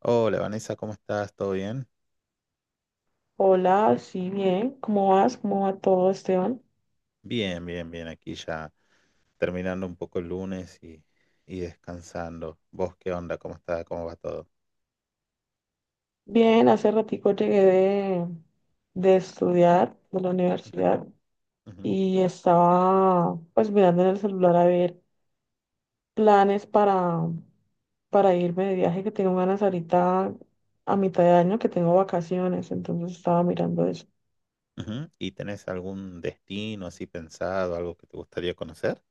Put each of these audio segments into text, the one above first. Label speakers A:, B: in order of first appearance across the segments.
A: Hola Vanessa, ¿cómo estás? ¿Todo bien?
B: Hola, sí, bien. ¿Cómo vas? ¿Cómo va todo, Esteban?
A: Bien, bien, bien. Aquí ya terminando un poco el lunes y descansando. ¿Vos qué onda? ¿Cómo está? ¿Cómo va todo?
B: Bien, hace ratico llegué de estudiar de la universidad
A: Ujú.
B: y estaba pues mirando en el celular a ver planes para irme de viaje que tengo ganas ahorita a mitad de año que tengo vacaciones, entonces estaba mirando eso.
A: Ujú. ¿Y tenés algún destino así pensado, algo que te gustaría conocer?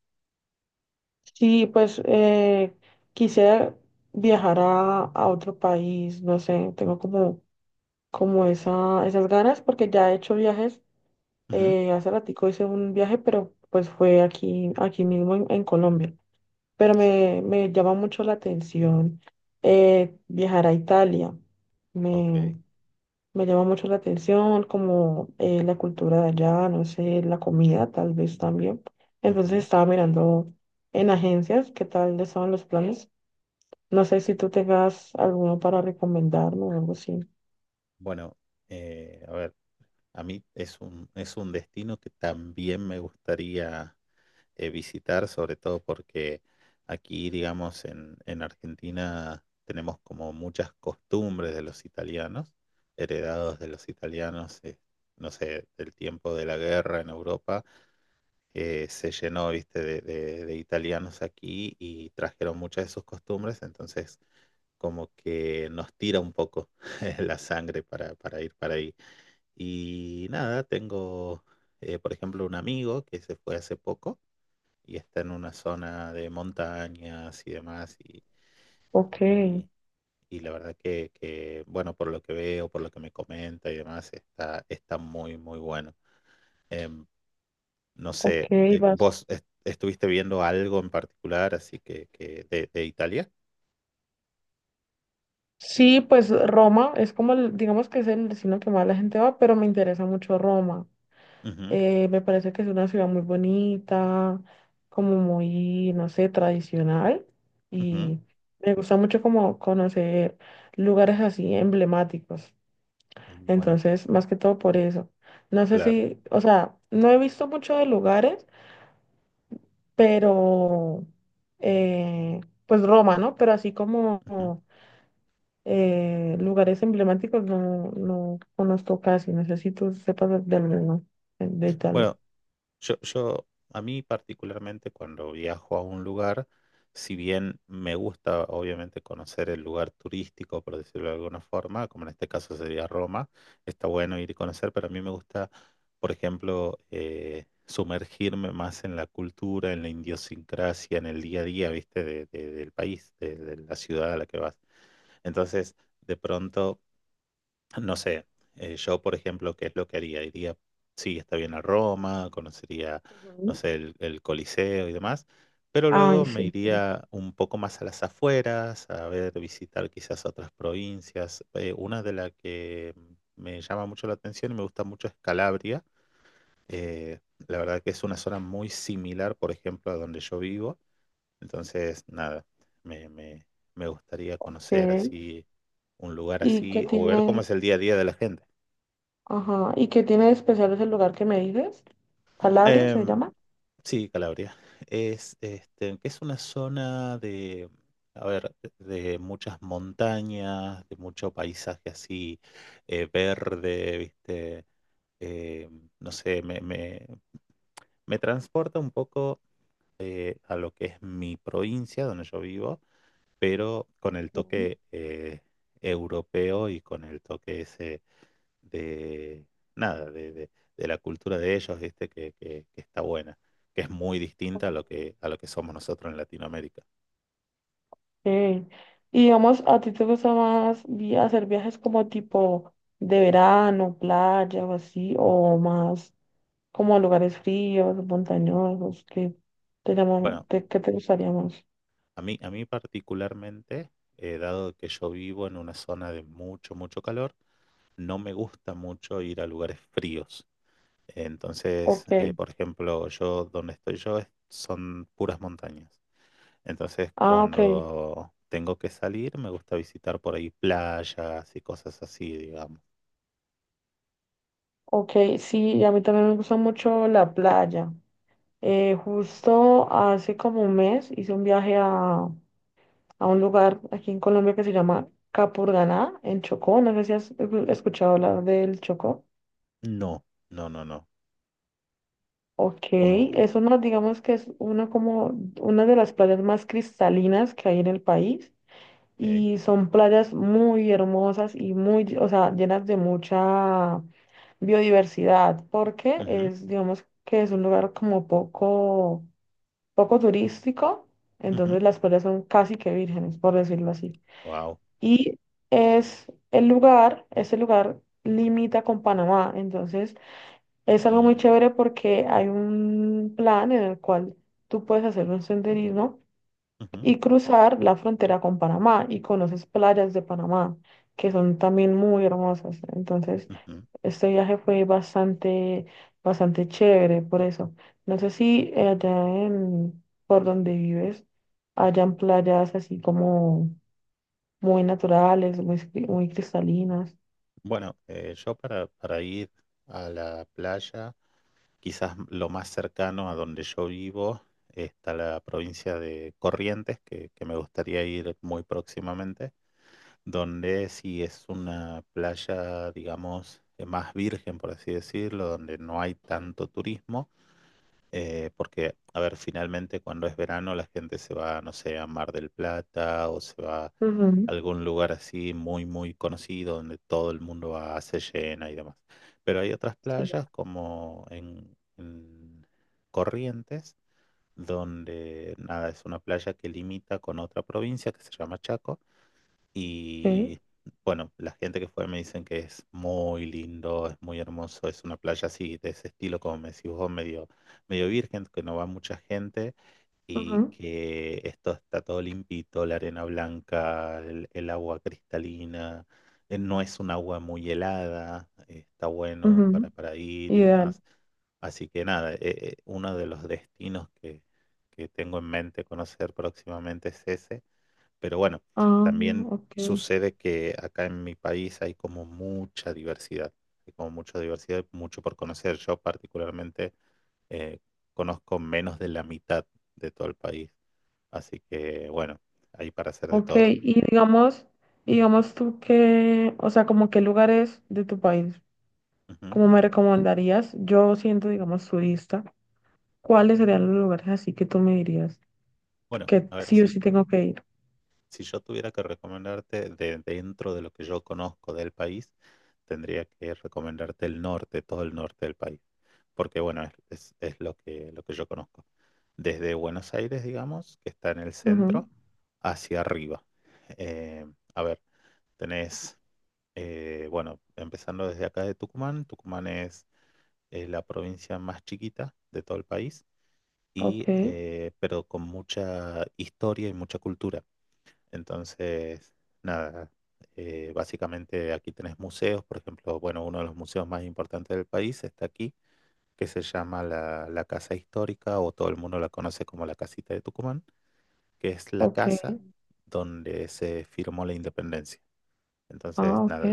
B: Sí, pues quisiera viajar a otro país, no sé, tengo como esas ganas porque ya he hecho viajes.
A: Ujú.
B: Hace ratico hice un viaje, pero pues fue aquí, aquí mismo en Colombia. Pero me llama mucho la atención, viajar a Italia. Me,
A: Ok.
B: me llama mucho la atención como la cultura de allá, no sé, la comida tal vez también. Entonces
A: Ujú.
B: estaba mirando en agencias qué tal estaban los planes. No sé si tú tengas alguno para recomendarme o algo así.
A: Bueno, a ver, a mí es un destino que también me gustaría visitar, sobre todo porque aquí, digamos, en Argentina tenemos como muchas costumbres de los italianos, heredados de los italianos, no sé, del tiempo de la guerra en Europa, que se llenó, viste, de italianos aquí y trajeron muchas de sus costumbres, entonces como que nos tira un poco la sangre para ir para ahí. Y nada, tengo, por ejemplo, un amigo que se fue hace poco y está en una zona de montañas y demás.
B: Ok,
A: Y- y la verdad que, bueno, por lo que veo, por lo que me comenta y demás, está muy, muy bueno. Em, no
B: ok,
A: sé,
B: vas.
A: ¿vos estuviste viendo algo en particular así que de Italia?
B: Sí, pues Roma es como, digamos que es el destino que más la gente va, pero me interesa mucho Roma. Me parece que es una ciudad muy bonita, como muy, no sé, tradicional.
A: Ujú.
B: Y me gusta mucho como conocer lugares así emblemáticos.
A: Ujú. Bueno,
B: Entonces, más que todo por eso. No sé
A: claro.
B: si, o sea, no he visto mucho de lugares, pero, pues Roma, ¿no? Pero así como
A: Ujú.
B: lugares emblemáticos no conozco casi. Necesito sé si sepas de alguno, de Italia.
A: Bueno, Yo, yo, a mí particularmente cuando viajo a un lugar, si bien me gusta obviamente conocer el lugar turístico, por decirlo de alguna forma, como en este caso sería Roma, está bueno ir y conocer, pero a mí me gusta, por ejemplo, sumergirme más en la cultura, en la idiosincrasia, en el día a día, ¿viste? del país, de la ciudad a la que vas. Entonces, de pronto no sé, yo por ejemplo, ¿qué es lo que haría? Iría, sí, está bien a Roma, conocería, no
B: Ujú.
A: sé, el Coliseo y demás, pero luego
B: Ay,
A: me
B: sí, pues,
A: iría un poco más a las afueras, a ver, visitar quizás otras provincias. Una de las que me llama mucho la atención y me gusta mucho es Calabria. Eh, la verdad que es una zona muy similar, por ejemplo, a donde yo vivo. Entonces, nada, me, me me gustaría conocer
B: ok.
A: así un lugar
B: ¿Y qué
A: así o ver cómo
B: tiene?
A: es el día a día de la gente.
B: Ajá. ¿Y qué tiene de especial ese lugar que me dices? Calabria se
A: Em,
B: llama.
A: sí, Calabria. Es una zona a ver, de muchas montañas, de mucho paisaje así verde, ¿viste? Eh, no sé, me transporta un poco a lo que es mi provincia, donde yo vivo, pero con el
B: Ujú.
A: toque europeo y con el toque ese de nada, de la cultura de ellos, ¿viste? Que está buena, que es muy distinta a lo que somos nosotros en Latinoamérica.
B: Ok. Y digamos, ¿a ti te gusta más hacer viajes como tipo de verano, playa o así, o más como a lugares fríos, montañosos, que te llaman,
A: Bueno,
B: qué te gustaría más?
A: a mí particularmente, dado que yo vivo en una zona de mucho, mucho calor, no me gusta mucho ir a lugares fríos.
B: Ok.
A: Entonces, por ejemplo, yo donde estoy son puras montañas. Entonces,
B: Ah, ok,
A: cuando tengo que salir, me gusta visitar por ahí playas y cosas así, digamos.
B: ok, sí, a mí también me gusta mucho la playa. Justo hace como un mes hice un viaje a un lugar aquí en Colombia que se llama Capurganá, en Chocó. No sé si has escuchado hablar del Chocó.
A: No, no, no, no.
B: Ok,
A: Como,
B: eso no, digamos que es una como una de las playas más cristalinas que hay en el país.
A: ok,
B: Y son playas muy hermosas y muy, o sea, llenas de mucha biodiversidad, porque
A: ujú,
B: es, digamos que es un lugar como poco turístico,
A: ujú,
B: entonces las playas son casi que vírgenes, por decirlo así.
A: wow.
B: Y es el lugar, ese lugar limita con Panamá, entonces es algo muy
A: Mm,
B: chévere porque hay un plan en el cual tú puedes hacer un senderismo
A: ujú.
B: y cruzar la frontera con Panamá y conoces playas de Panamá que son también muy hermosas. Entonces, este viaje fue bastante, bastante chévere por eso. No sé si allá en, por donde vives hayan playas así como muy naturales, muy, muy cristalinas.
A: Bueno, yo para ir a la playa, quizás lo más cercano a donde yo vivo está la provincia de Corrientes, que me gustaría ir muy próximamente, donde sí es una playa, digamos, más virgen, por así decirlo, donde no hay tanto turismo. Porque, a ver, finalmente cuando es verano la gente se va, no sé, a Mar del Plata o se va a
B: Ujú,
A: algún lugar así muy, muy conocido donde todo el mundo va, se llena y demás. Pero hay otras
B: sí,
A: playas como en Corrientes, donde, nada, es una playa que limita con otra provincia que se llama Chaco
B: ok.
A: y bueno, la gente que fue me dicen que es muy lindo, es muy hermoso, es una playa así, de ese estilo, como me decís vos, medio, medio virgen, que no va mucha gente y
B: Ujú,
A: que esto está todo limpito, la arena blanca, el agua cristalina, no es un agua muy helada, está bueno
B: ujú,
A: para ir y
B: ideal.
A: demás. Así que nada, uno de los destinos que tengo en mente conocer próximamente es ese. Pero bueno,
B: Ah,
A: también
B: ok.
A: sucede que acá en mi país hay como mucha diversidad, mucho por conocer. Yo particularmente eh, conozco menos de la mitad de todo el país, así que bueno, hay para hacer de
B: Ok,
A: todo.
B: y digamos, digamos tú que, o sea, como qué lugares de tu país,
A: Ujú.
B: ¿cómo me recomendarías, yo siendo, digamos, turista, cuáles serían los lugares así que tú me dirías
A: Bueno,
B: que
A: a ver,
B: sí o
A: si,
B: sí tengo que ir?
A: si yo tuviera que recomendarte de dentro de lo que yo conozco del país, tendría que recomendarte el norte, todo el norte del país. Porque bueno, es lo que yo conozco. Desde Buenos Aires, digamos, que está en el
B: Ujú,
A: centro, hacia arriba. Eh, a ver, tenés, bueno, empezando desde acá de Tucumán, Tucumán es la provincia más chiquita de todo el país,
B: ok,
A: pero con mucha historia y mucha cultura. Entonces, nada, básicamente aquí tenés museos, por ejemplo, bueno, uno de los museos más importantes del país está aquí que se llama la Casa Histórica, o todo el mundo la conoce como la Casita de Tucumán, que es la
B: ok,
A: casa donde se firmó la independencia.
B: ah,
A: Entonces,
B: ok,
A: nada,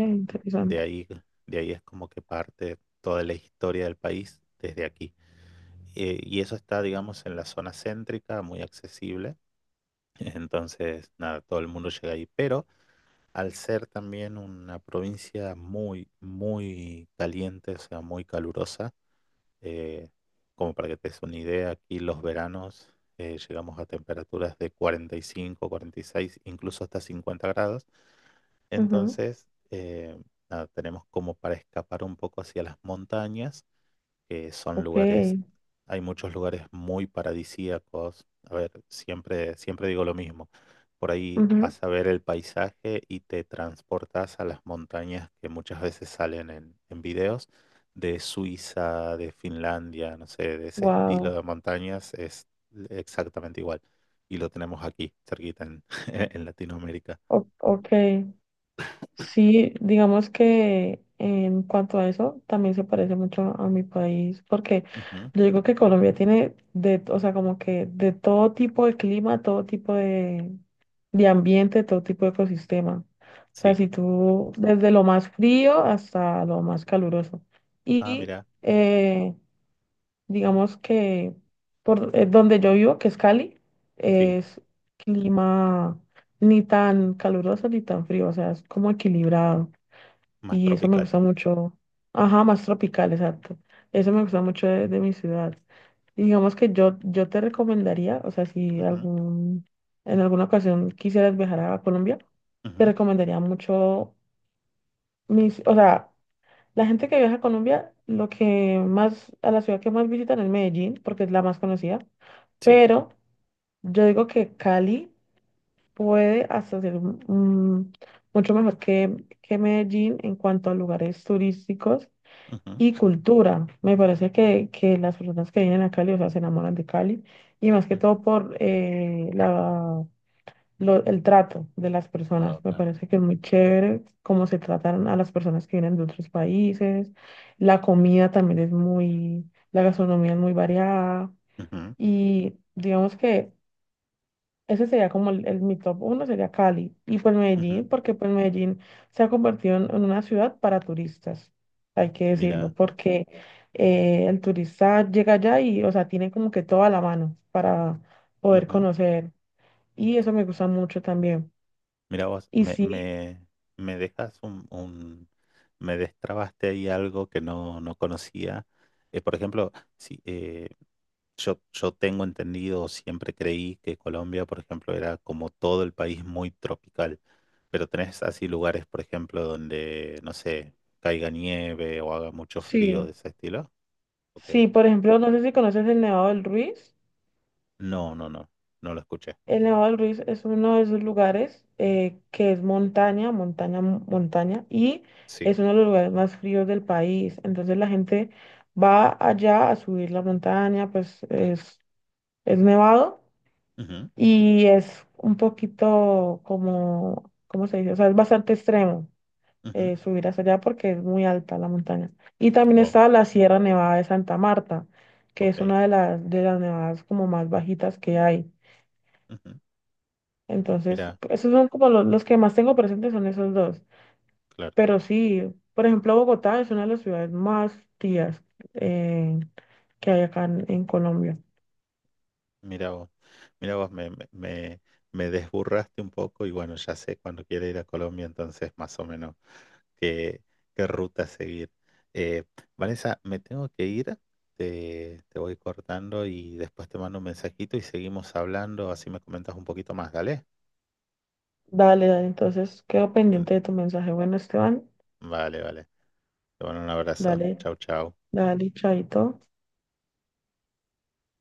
A: de ahí, de ahí es como que parte toda la historia del país desde aquí. Y eso está, digamos, en la zona céntrica, muy accesible. Entonces, nada, todo el mundo llega ahí. Pero al ser también una provincia muy, muy caliente, o sea, muy calurosa, eh, como para que te des una idea, aquí los veranos llegamos a temperaturas de 40, 45, 46, incluso hasta 50 grados.
B: Ujú,
A: Entonces, nada, tenemos como para escapar un poco hacia las montañas que son
B: ok,
A: lugares, hay muchos lugares muy paradisíacos. A ver, siempre, siempre digo lo mismo. Por ahí
B: ujú,
A: vas a ver el paisaje y te transportas a las montañas que muchas veces salen en videos de Suiza, de Finlandia, no sé, de ese estilo
B: wow,
A: de montañas es exactamente igual. Y lo tenemos aquí, cerquita en, en Latinoamérica.
B: ok. Sí, digamos que en cuanto a eso, también se parece mucho a mi país, porque
A: Ujú.
B: yo digo que Colombia tiene de, o sea, como que de todo tipo de clima, todo tipo de ambiente, todo tipo de ecosistema. O sea,
A: Sí.
B: si tú, desde lo más frío hasta lo más caluroso.
A: Ah,
B: Y
A: mira,
B: eh, digamos que por donde yo vivo, que es Cali,
A: sí,
B: es clima ni tan caluroso ni tan frío, o sea, es como equilibrado.
A: más
B: Y eso me
A: tropical.
B: gusta mucho. Ajá, más tropical, exacto. Eso me gusta mucho de mi ciudad. Y digamos que yo te recomendaría, o sea, si
A: Ujú.
B: algún, en alguna ocasión quisieras viajar a Colombia, te
A: Ujú.
B: recomendaría mucho mis, o sea, la gente que viaja a Colombia, lo que más, a la ciudad que más visitan es Medellín, porque es la más conocida,
A: Sí.
B: pero yo digo que Cali puede hasta ser mucho mejor que Medellín en cuanto a lugares turísticos
A: Ujú.
B: y cultura. Me parece que las personas que vienen a Cali, o sea, se enamoran de Cali y más que
A: Ujú.
B: todo por la, el trato de las personas.
A: Ok.
B: Me parece que es muy chévere cómo se tratan a las personas que vienen de otros países. La comida también es muy, la gastronomía es muy variada
A: Ujú.
B: y digamos que ese sería como el, mi top uno, sería Cali. Y pues
A: Ujú.
B: Medellín, porque pues Medellín se ha convertido en una ciudad para turistas, hay que decirlo,
A: Mira,
B: porque el turista llega allá y, o sea, tiene como que toda la mano para poder
A: ujú.
B: conocer. Y eso me gusta mucho también.
A: Mira vos,
B: Y
A: me,
B: sí,
A: me, me dejas me destrabaste ahí algo que no conocía. Por ejemplo, sí, yo tengo entendido, siempre creí que Colombia, por ejemplo, era como todo el país muy tropical, pero tenés así lugares, por ejemplo, donde, no sé, caiga nieve o haga mucho frío
B: sí,
A: de ese estilo. Ok.
B: sí, por ejemplo, no sé si conoces el Nevado del Ruiz.
A: No, no, no, no lo escuché.
B: El Nevado del Ruiz es uno de esos lugares, que es montaña, montaña, montaña, y
A: Sí.
B: es uno de los lugares más fríos del país. Entonces la gente va allá a subir la montaña, pues es nevado
A: Ujú.
B: y es un poquito como, ¿cómo se dice? O sea, es bastante extremo
A: Ujú.
B: subir hasta allá porque es muy alta la montaña. Y también
A: Wow,
B: está la Sierra Nevada de Santa Marta, que es
A: ok.
B: una de las nevadas como más bajitas que hay.
A: Ujú.
B: Entonces,
A: Mira,
B: esos son como los, que más tengo presentes son esos dos.
A: claro,
B: Pero sí, por ejemplo, Bogotá es una de las ciudades más tías, eh, que hay acá en Colombia.
A: mira vos, mira vos, me desburraste un poco y bueno, ya sé cuando quiera ir a Colombia, entonces más o menos qué, qué ruta seguir. Eh, Vanessa, me tengo que ir, te voy cortando y después te mando un mensajito y seguimos hablando, así me comentas un poquito más, ¿dale?
B: Dale, dale, entonces quedo
A: Mm.
B: pendiente de tu mensaje. Bueno, Esteban,
A: Vale, vale. Te mando un abrazo.
B: dale,
A: Chau, chau.
B: dale, chaito.